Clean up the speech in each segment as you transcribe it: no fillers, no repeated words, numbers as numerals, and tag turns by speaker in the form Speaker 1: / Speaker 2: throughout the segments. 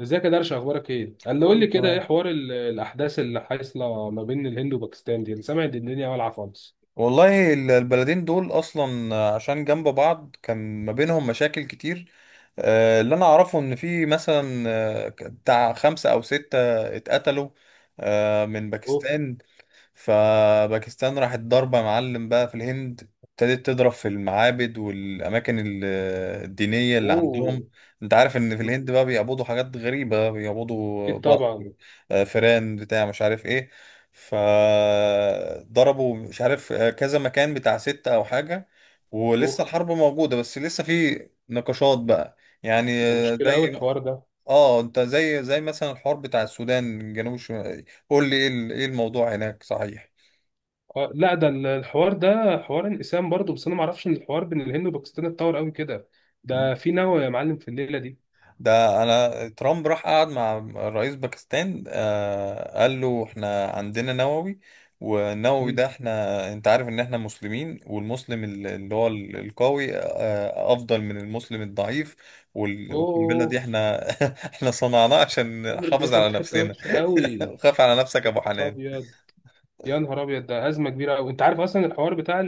Speaker 1: ازيك يا درش، اخبارك ايه؟
Speaker 2: بقول
Speaker 1: قول لي
Speaker 2: لك
Speaker 1: كده ايه
Speaker 2: تمام.
Speaker 1: حوار الاحداث اللي حاصله ما بين الهند وباكستان دي؟ انا سامع ان الدنيا والعه خالص.
Speaker 2: والله البلدين دول اصلا عشان جنب بعض كان ما بينهم مشاكل كتير. اللي انا اعرفه ان في مثلا بتاع خمسة او ستة اتقتلوا من
Speaker 1: اوف.
Speaker 2: باكستان. فباكستان راحت ضاربة معلم بقى في الهند، ابتدت تضرب في المعابد والأماكن الدينية اللي
Speaker 1: اوه.
Speaker 2: عندهم. انت عارف ان في
Speaker 1: مم.
Speaker 2: الهند بقى بيعبدوا حاجات غريبة، بيعبدوا
Speaker 1: اكيد طبعا.
Speaker 2: بقر، فيران، بتاع مش عارف ايه. فضربوا مش عارف كذا مكان بتاع ستة او حاجة.
Speaker 1: اوه.
Speaker 2: ولسه الحرب موجودة، بس لسه في نقاشات بقى. يعني
Speaker 1: ده مشكله قوي
Speaker 2: زي.
Speaker 1: الحوار ده.
Speaker 2: اه، انت زي مثلا الحوار بتاع السودان، جنوب الشمال، قول لي ايه ايه الموضوع هناك، صحيح؟
Speaker 1: آه، لا. ده الحوار ده حوار انقسام برضه، بس انا ما اعرفش ان الحوار بين الهند وباكستان اتطور قوي كده. ده في نوى يا معلم في الليله دي.
Speaker 2: ده انا ترامب راح قعد مع رئيس باكستان، قال له احنا عندنا نووي. والنووي ده
Speaker 1: مم.
Speaker 2: احنا، انت عارف ان احنا مسلمين، والمسلم اللي هو القوي افضل من المسلم الضعيف. والقنبله دي
Speaker 1: اوف.
Speaker 2: احنا احنا صنعناها عشان
Speaker 1: عمرو
Speaker 2: نحافظ
Speaker 1: دخل
Speaker 2: على
Speaker 1: في حته
Speaker 2: نفسنا.
Speaker 1: وحشه قوي.
Speaker 2: خاف على نفسك يا
Speaker 1: يا
Speaker 2: ابو
Speaker 1: نهار
Speaker 2: حنان.
Speaker 1: ابيض، يا نهار ابيض، ده ازمه كبيره قوي. انت عارف اصلا الحوار بتاع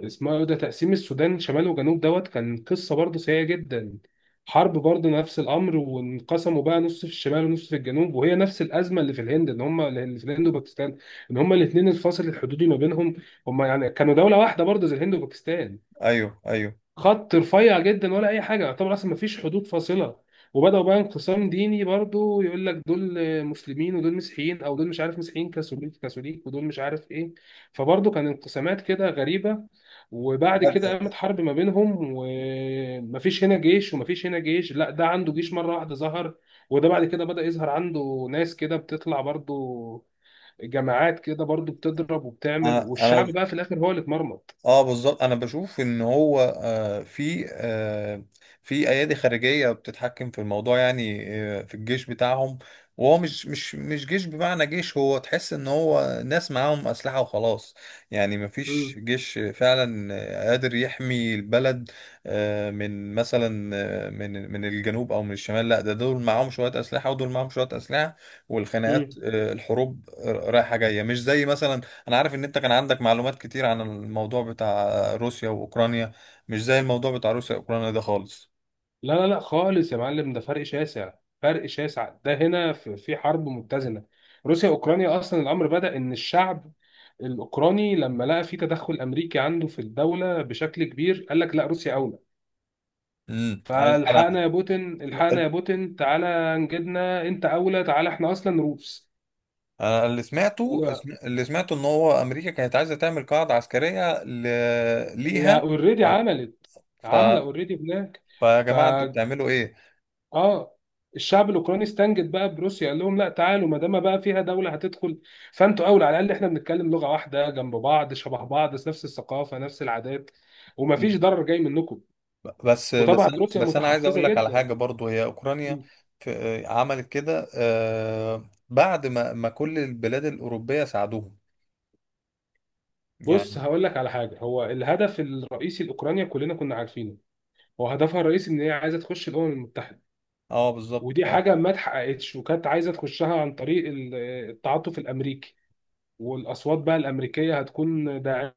Speaker 1: اسمه ايه، ده تقسيم السودان شمال وجنوب دوت، كان قصة برضه سيئة جدا. حرب برضه نفس الأمر، وانقسموا بقى نص في الشمال ونص في الجنوب، وهي نفس الأزمة اللي في الهند، إن هم اللي في الهند وباكستان، إن هم الاتنين الفاصل الحدودي ما بينهم. هم يعني كانوا دولة واحدة برضه زي الهند وباكستان.
Speaker 2: ايوه، ايوه.
Speaker 1: خط رفيع جدا ولا اي حاجه، يعتبر اصلا ما فيش حدود فاصله. وبداوا بقى انقسام ديني برضو، يقول لك دول مسلمين ودول مسيحيين، او دول مش عارف مسيحيين كاثوليك كاثوليك ودول مش عارف ايه. فبرضو كان انقسامات كده غريبه. وبعد كده
Speaker 2: لا،
Speaker 1: قامت حرب ما بينهم، ومفيش هنا جيش ومفيش هنا جيش، لا ده عنده جيش مره واحده ظهر. وده بعد كده بدأ يظهر عنده ناس كده بتطلع برضو، جماعات كده برضو بتضرب وبتعمل،
Speaker 2: انا
Speaker 1: والشعب
Speaker 2: انا.
Speaker 1: بقى في الاخر هو اللي اتمرمط.
Speaker 2: اه، بالظبط. انا بشوف ان هو في ايادي خارجيه بتتحكم في الموضوع، يعني في الجيش بتاعهم. وهو مش جيش بمعنى جيش، هو تحس ان هو ناس معاهم اسلحه وخلاص. يعني مفيش جيش فعلا قادر يحمي البلد من مثلا من الجنوب او من الشمال. لا، ده دول معاهم شويه اسلحه ودول معاهم شويه اسلحه، والخناقات
Speaker 1: مم.
Speaker 2: الحروب رايحه جايه، مش زي مثلا. انا عارف ان انت كان عندك معلومات كتير عن الموضوع بتاع روسيا واوكرانيا. مش زي الموضوع بتاع روسيا واوكرانيا ده خالص.
Speaker 1: لا، لا، لا، خالص يا معلم. ده فرق شاسع، فرق شاسع. ده هنا في حرب متزنه. روسيا اوكرانيا، اصلا الامر بدا ان الشعب الاوكراني لما لقى في تدخل امريكي عنده في الدوله بشكل كبير، قال لك لا، روسيا اولى.
Speaker 2: انا.
Speaker 1: فالحقنا يا بوتين،
Speaker 2: لا.
Speaker 1: الحقنا
Speaker 2: انا
Speaker 1: يا بوتين، تعالى نجدنا، انت اولى، تعالى احنا اصلا روس.
Speaker 2: أنا اللي
Speaker 1: قال
Speaker 2: سمعته
Speaker 1: له،
Speaker 2: اللي سمعته ان هو امريكا كانت عايزه تعمل قاعده عسكريه ل...
Speaker 1: هي
Speaker 2: ليها
Speaker 1: اوريدي
Speaker 2: على-
Speaker 1: عملت،
Speaker 2: ف
Speaker 1: عامله اوريدي هناك.
Speaker 2: فيا جماعه، انتوا بتعملوا ايه؟
Speaker 1: اه. الشعب الاوكراني استنجد بقى بروسيا، قال لهم لا، تعالوا، ما دام بقى فيها دوله هتدخل، فانتوا اولى. على الاقل احنا بنتكلم لغه واحده، جنب بعض، شبه بعض، نفس الثقافه، نفس العادات، ومفيش ضرر جاي منكم.
Speaker 2: بس بس
Speaker 1: وطبعا
Speaker 2: انا
Speaker 1: روسيا
Speaker 2: بس انا عايز
Speaker 1: متحفزه
Speaker 2: اقول لك على
Speaker 1: جدا.
Speaker 2: حاجه. برضو هي اوكرانيا عملت كده بعد ما كل البلاد الاوروبيه ساعدوهم،
Speaker 1: بص
Speaker 2: يعني.
Speaker 1: هقول لك على حاجه، هو الهدف الرئيسي لاوكرانيا كلنا كنا عارفينه، هو هدفها الرئيسي ان هي عايزه تخش الامم المتحده.
Speaker 2: اه، بالظبط
Speaker 1: ودي
Speaker 2: آه.
Speaker 1: حاجه ما اتحققتش، وكانت عايزه تخشها عن طريق التعاطف الامريكي، والاصوات بقى الامريكيه هتكون داعمه.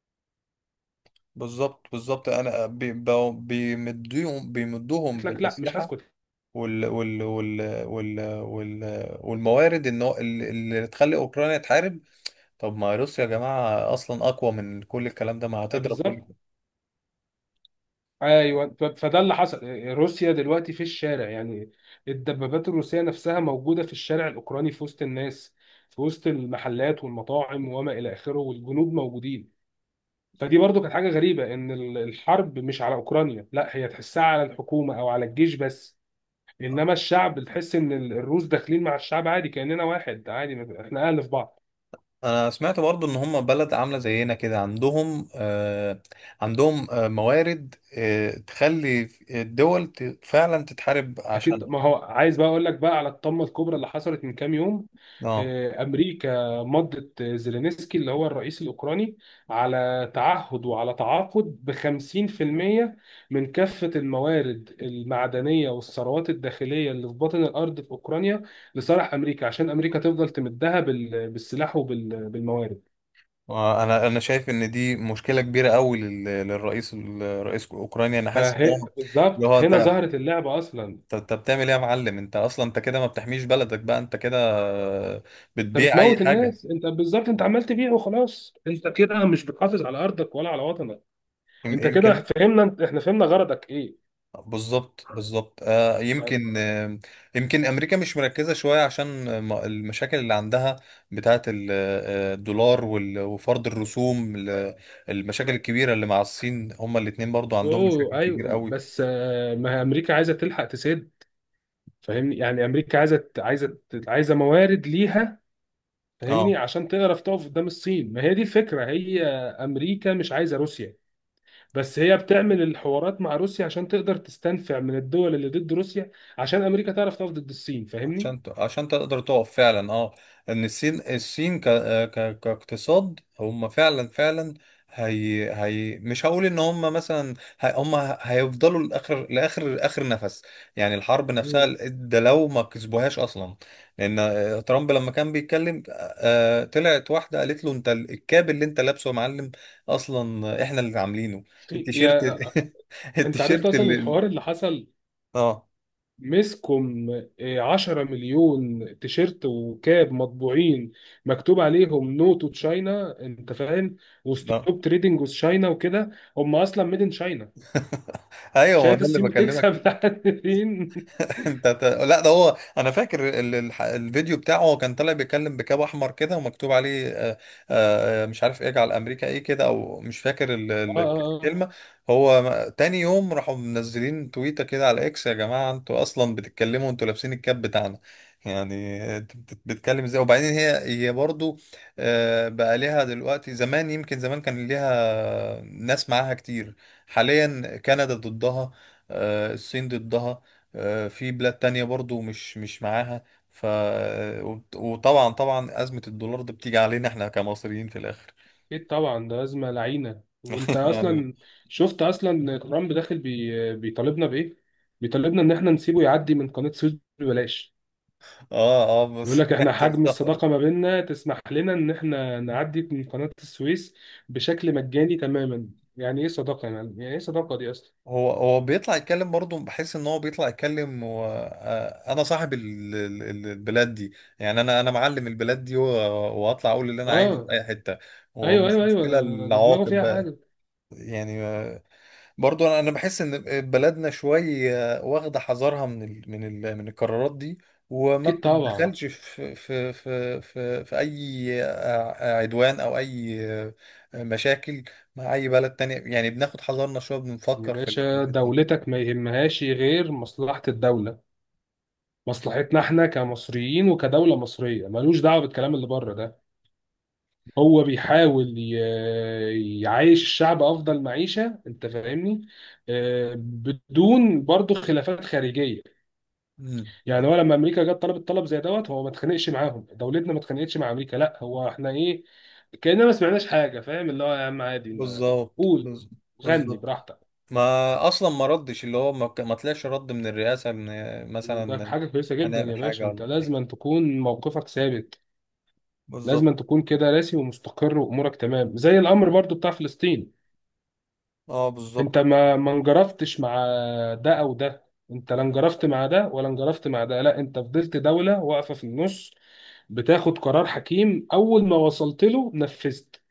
Speaker 2: بالظبط، بالظبط. انا بيمدوهم
Speaker 1: قالت لك لا، مش
Speaker 2: بالاسلحه
Speaker 1: هسكت.
Speaker 2: وال وال وال وال وال والموارد ان هو اللي تخلي اوكرانيا تحارب. طب ما روسيا يا جماعه اصلا اقوى من كل الكلام ده، ما
Speaker 1: أي
Speaker 2: هتضرب كل
Speaker 1: بالظبط.
Speaker 2: ده.
Speaker 1: ايوه، فده اللي حصل. روسيا دلوقتي في الشارع يعني، الدبابات الروسيه نفسها موجوده في الشارع الاوكراني، في وسط الناس، في وسط المحلات والمطاعم وما الى اخره، والجنود موجودين. فدي برضو كانت حاجه غريبه، ان الحرب مش على اوكرانيا، لا هي تحسها على الحكومه او على الجيش بس. انما الشعب تحس ان الروس داخلين مع الشعب عادي، كاننا واحد عادي، احنا اهل في بعض.
Speaker 2: انا سمعت برضو ان هم بلد عامله زينا كده، عندهم موارد تخلي الدول فعلا تتحارب
Speaker 1: اكيد،
Speaker 2: عشانها.
Speaker 1: ما هو عايز بقى اقول لك بقى على الطامه الكبرى اللي حصلت من كام يوم.
Speaker 2: اه.
Speaker 1: امريكا مضت زيلينسكي اللي هو الرئيس الاوكراني على تعهد وعلى تعاقد ب 50% من كافه الموارد المعدنيه والثروات الداخليه اللي في باطن الارض في اوكرانيا، لصالح امريكا، عشان امريكا تفضل تمدها بالسلاح وبالموارد.
Speaker 2: انا شايف ان دي مشكله كبيره قوي للرئيس اوكرانيا. انا حاسس ان
Speaker 1: فهي
Speaker 2: هو اللي
Speaker 1: بالظبط
Speaker 2: هو
Speaker 1: هنا
Speaker 2: انت.
Speaker 1: ظهرت اللعبه اصلا.
Speaker 2: طب انت بتعمل ايه يا معلم؟ انت اصلا انت كده ما بتحميش بلدك، بقى انت كده
Speaker 1: انت
Speaker 2: بتبيع اي
Speaker 1: بتموت
Speaker 2: حاجه.
Speaker 1: الناس، انت بالظبط انت عمال تبيع وخلاص، انت كده مش بتحافظ على ارضك ولا على وطنك.
Speaker 2: يم-
Speaker 1: انت كده
Speaker 2: يمكن
Speaker 1: فهمنا، احنا فهمنا غرضك ايه
Speaker 2: بالظبط، بالظبط.
Speaker 1: يعني.
Speaker 2: يمكن امريكا مش مركزه شويه، عشان المشاكل اللي عندها بتاعه الدولار وفرض الرسوم المشاكل الكبيره اللي مع الصين. هما الاتنين برضو عندهم مشاكل
Speaker 1: اوه،
Speaker 2: كبيره
Speaker 1: ايوه،
Speaker 2: قوي.
Speaker 1: بس، ما هي امريكا عايزه تلحق تسد، فاهمني يعني. امريكا عايزه عايزه موارد ليها،
Speaker 2: اه،
Speaker 1: فاهمني، عشان تعرف تقف قدام الصين. ما هي دي الفكره، هي امريكا مش عايزه روسيا، بس هي بتعمل الحوارات مع روسيا عشان تقدر تستنفع من الدول اللي ضد روسيا، عشان امريكا تعرف تقف ضد الصين، فاهمني.
Speaker 2: عشان تقدر تقف فعلا، اه، ان الصين كاقتصاد هم فعلا، فعلا. هي مش هقول ان هم مثلا هم هيفضلوا لاخر نفس، يعني الحرب نفسها
Speaker 1: مم.
Speaker 2: ده لو ما كسبوهاش اصلا. لان ترامب لما كان بيتكلم. طلعت واحده قالت له: انت الكاب اللي انت لابسه يا معلم اصلا احنا اللي عاملينه، التيشيرت.
Speaker 1: يا آه، انت عرفت
Speaker 2: التيشيرت
Speaker 1: اصلا
Speaker 2: اللي.
Speaker 1: الحوار اللي حصل؟
Speaker 2: اه،
Speaker 1: مسكم، 10 مليون تيشيرت وكاب مطبوعين، مكتوب عليهم نو تو تشاينا انت فاهم،
Speaker 2: اه.
Speaker 1: وستوب تريدنج وذ تشاينا وكده. هم اصلا ميد ان تشاينا.
Speaker 2: ايوه، ما هو
Speaker 1: شايف
Speaker 2: ده اللي
Speaker 1: الصين
Speaker 2: بكلمك.
Speaker 1: بتكسب لحد فين.
Speaker 2: لا، ده هو. انا فاكر الفيديو بتاعه، هو كان طالع بيتكلم بكاب احمر كده ومكتوب عليه مش عارف اجعل امريكا ايه كده، او مش فاكر
Speaker 1: اه، اه، اه.
Speaker 2: الكلمه. هو تاني يوم راحوا منزلين تويته كده على اكس: يا جماعه انتوا اصلا بتتكلموا، انتوا لابسين الكاب بتاعنا، يعني انت بتتكلم ازاي؟ وبعدين هي برضو بقى ليها دلوقتي. زمان يمكن زمان كان ليها ناس معاها كتير، حاليا كندا ضدها، الصين ضدها، في بلاد تانية برضو مش معاها. ف وطبعا، طبعا أزمة الدولار دي بتيجي علينا احنا كمصريين في الآخر،
Speaker 1: اكيد طبعا، ده ازمه لعينه. وانت
Speaker 2: يعني.
Speaker 1: اصلا شفت اصلا ترامب داخل بيطالبنا بايه؟ بيطالبنا ان احنا نسيبه يعدي من قناه سويس ببلاش.
Speaker 2: اه، اه،
Speaker 1: يقول
Speaker 2: بس
Speaker 1: لك احنا
Speaker 2: سمعت
Speaker 1: حجم
Speaker 2: الخبر.
Speaker 1: الصداقة ما بيننا تسمح لنا ان احنا نعدي من قناة السويس بشكل مجاني تماما. يعني ايه صداقة يا معلم، يعني ايه صداقة دي اصلا؟
Speaker 2: هو بيطلع يتكلم برضه، بحس ان هو بيطلع يتكلم و... آه، انا صاحب البلاد دي، يعني انا معلم البلاد دي. واطلع اقول اللي انا عايزه في
Speaker 1: اه،
Speaker 2: اي حتة،
Speaker 1: ايوه،
Speaker 2: ومش
Speaker 1: ايوه، ايوه،
Speaker 2: مشكلة
Speaker 1: ده دماغه
Speaker 2: العواقب
Speaker 1: فيها
Speaker 2: بقى.
Speaker 1: حاجة.
Speaker 2: يعني برضو انا، أنا بحس ان بلدنا شويه واخده حذرها من القرارات دي، وما
Speaker 1: اكيد طبعا.
Speaker 2: بتتدخلش في اي عدوان او اي مشاكل مع اي بلد تانية. يعني بناخد حذرنا شويه،
Speaker 1: يا
Speaker 2: بنفكر في
Speaker 1: باشا،
Speaker 2: الحاجات دي.
Speaker 1: دولتك ما يهمهاش غير مصلحة الدولة. مصلحتنا احنا كمصريين وكدولة مصرية، ملوش دعوة بالكلام اللي بره ده. هو بيحاول يعيش الشعب افضل معيشة، انت فاهمني، بدون برضه خلافات خارجية.
Speaker 2: مم.
Speaker 1: يعني هو لما امريكا جت طلبت طلب زي دوت، هو ما اتخانقش معاهم، دولتنا ما اتخانقتش مع امريكا، لا هو احنا ايه، كاننا ما سمعناش حاجه. فاهم اللي هو يا عم عادي،
Speaker 2: بالظبط.
Speaker 1: قول، غني
Speaker 2: بالظبط.
Speaker 1: براحتك.
Speaker 2: ما اصلا ما ردش. اللي هو ما طلعش رد من الرئاسه ان
Speaker 1: ده
Speaker 2: مثلا
Speaker 1: حاجه كويسه جدا
Speaker 2: هنعمل
Speaker 1: يا باشا،
Speaker 2: حاجه
Speaker 1: انت
Speaker 2: ولا.
Speaker 1: لازم تكون موقفك ثابت،
Speaker 2: بالظبط.
Speaker 1: لازم تكون كده راسي ومستقر وامورك تمام. زي الامر برضو بتاع فلسطين،
Speaker 2: اه،
Speaker 1: انت
Speaker 2: بالظبط.
Speaker 1: ما انجرفتش مع ده او ده. انت لا انجرفت مع ده ولا انجرفت مع ده، لا انت فضلت دوله واقفه في النص، بتاخد قرار حكيم اول ما وصلت له نفذت.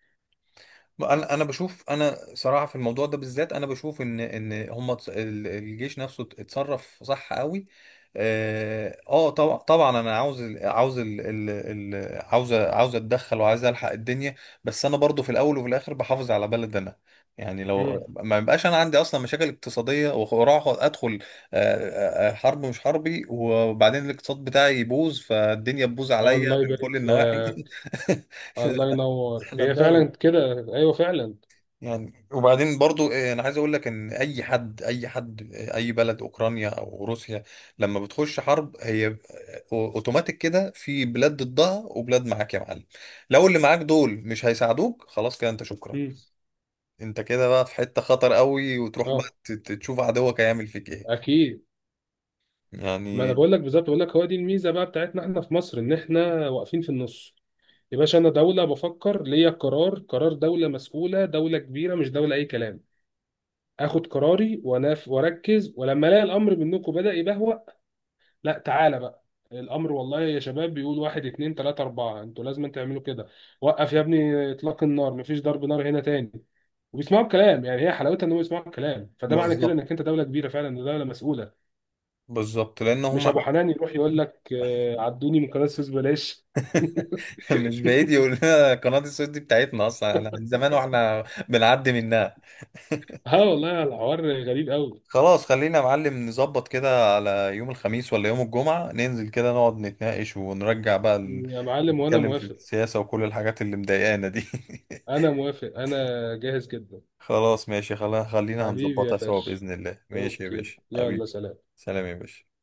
Speaker 2: انا بشوف، انا صراحه في الموضوع ده بالذات انا بشوف ان هم الجيش نفسه اتصرف صح قوي. اه طبعا، طبعا. انا عاوز ال- عاوز ال ال ال عاوز عاوز اتدخل، وعاوز الحق الدنيا، بس انا برضو في الاول وفي الاخر بحافظ على بلد انا، يعني.
Speaker 1: مم.
Speaker 2: لو ما يبقاش انا عندي اصلا مشاكل اقتصاديه واروح ادخل حرب مش حربي، وبعدين الاقتصاد بتاعي يبوظ، فالدنيا تبوظ عليا
Speaker 1: الله
Speaker 2: من
Speaker 1: يبارك
Speaker 2: كل النواحي.
Speaker 1: لك. الله ينور،
Speaker 2: احنا
Speaker 1: هي
Speaker 2: بنعمل،
Speaker 1: فعلا كده. ايوه فعلا.
Speaker 2: يعني. وبعدين برضو انا عايز اقول لك ان اي حد، اي حد، اي بلد، اوكرانيا او روسيا، لما بتخش حرب، هي اوتوماتيك كده في بلاد ضدها وبلاد معاك يا معلم. لو اللي معاك دول مش هيساعدوك، خلاص كده انت شكرا.
Speaker 1: مم.
Speaker 2: انت كده بقى في حتة خطر قوي، وتروح
Speaker 1: اه،
Speaker 2: بقى تشوف عدوك هيعمل فيك ايه،
Speaker 1: اكيد. ما انا
Speaker 2: يعني.
Speaker 1: بقول لك بالظبط، بقول لك هو دي الميزه بقى بتاعتنا احنا في مصر، ان احنا واقفين في النص. يا باشا، انا دوله بفكر ليا قرار، قرار دوله مسؤوله، دوله كبيره، مش دوله اي كلام. اخد قراري واناف واركز، ولما الاقي الامر منكم بدا يبهوأ، لا تعالى بقى الامر والله يا شباب، بيقول واحد اتنين تلاته اربعه، انتوا لازم تعملوا كده. وقف يا ابني اطلاق النار، مفيش ضرب نار هنا تاني. وبيسمعوا الكلام، يعني هي حلاوتها ان هم يسمعوا الكلام، فده معنى كده
Speaker 2: بالظبط،
Speaker 1: انك انت دوله كبيره فعلا، إن دوله مسؤوله.
Speaker 2: بالظبط، لان
Speaker 1: مش
Speaker 2: هم.
Speaker 1: ابو حنان يروح يقول لك عدوني من قناه السويس بلاش.
Speaker 2: مش بعيد يقول لنا قناة السويس دي بتاعتنا اصلا، احنا من زمان واحنا بنعدي منها.
Speaker 1: اه والله الحوار غريب قوي.
Speaker 2: خلاص، خلينا يا معلم نظبط كده على يوم الخميس ولا يوم الجمعة، ننزل كده نقعد نتناقش ونرجع بقى
Speaker 1: يا معلم وانا
Speaker 2: نتكلم في
Speaker 1: موافق،
Speaker 2: السياسة وكل الحاجات اللي مضايقانا دي.
Speaker 1: انا موافق، انا جاهز جدا.
Speaker 2: خلاص ماشي. خلينا
Speaker 1: حبيبي يا
Speaker 2: هنظبطها سوا
Speaker 1: باشا،
Speaker 2: بإذن الله. ماشي يا
Speaker 1: اوكي،
Speaker 2: باشا،
Speaker 1: يلا
Speaker 2: حبيبي.
Speaker 1: سلام.
Speaker 2: سلام يا باشا.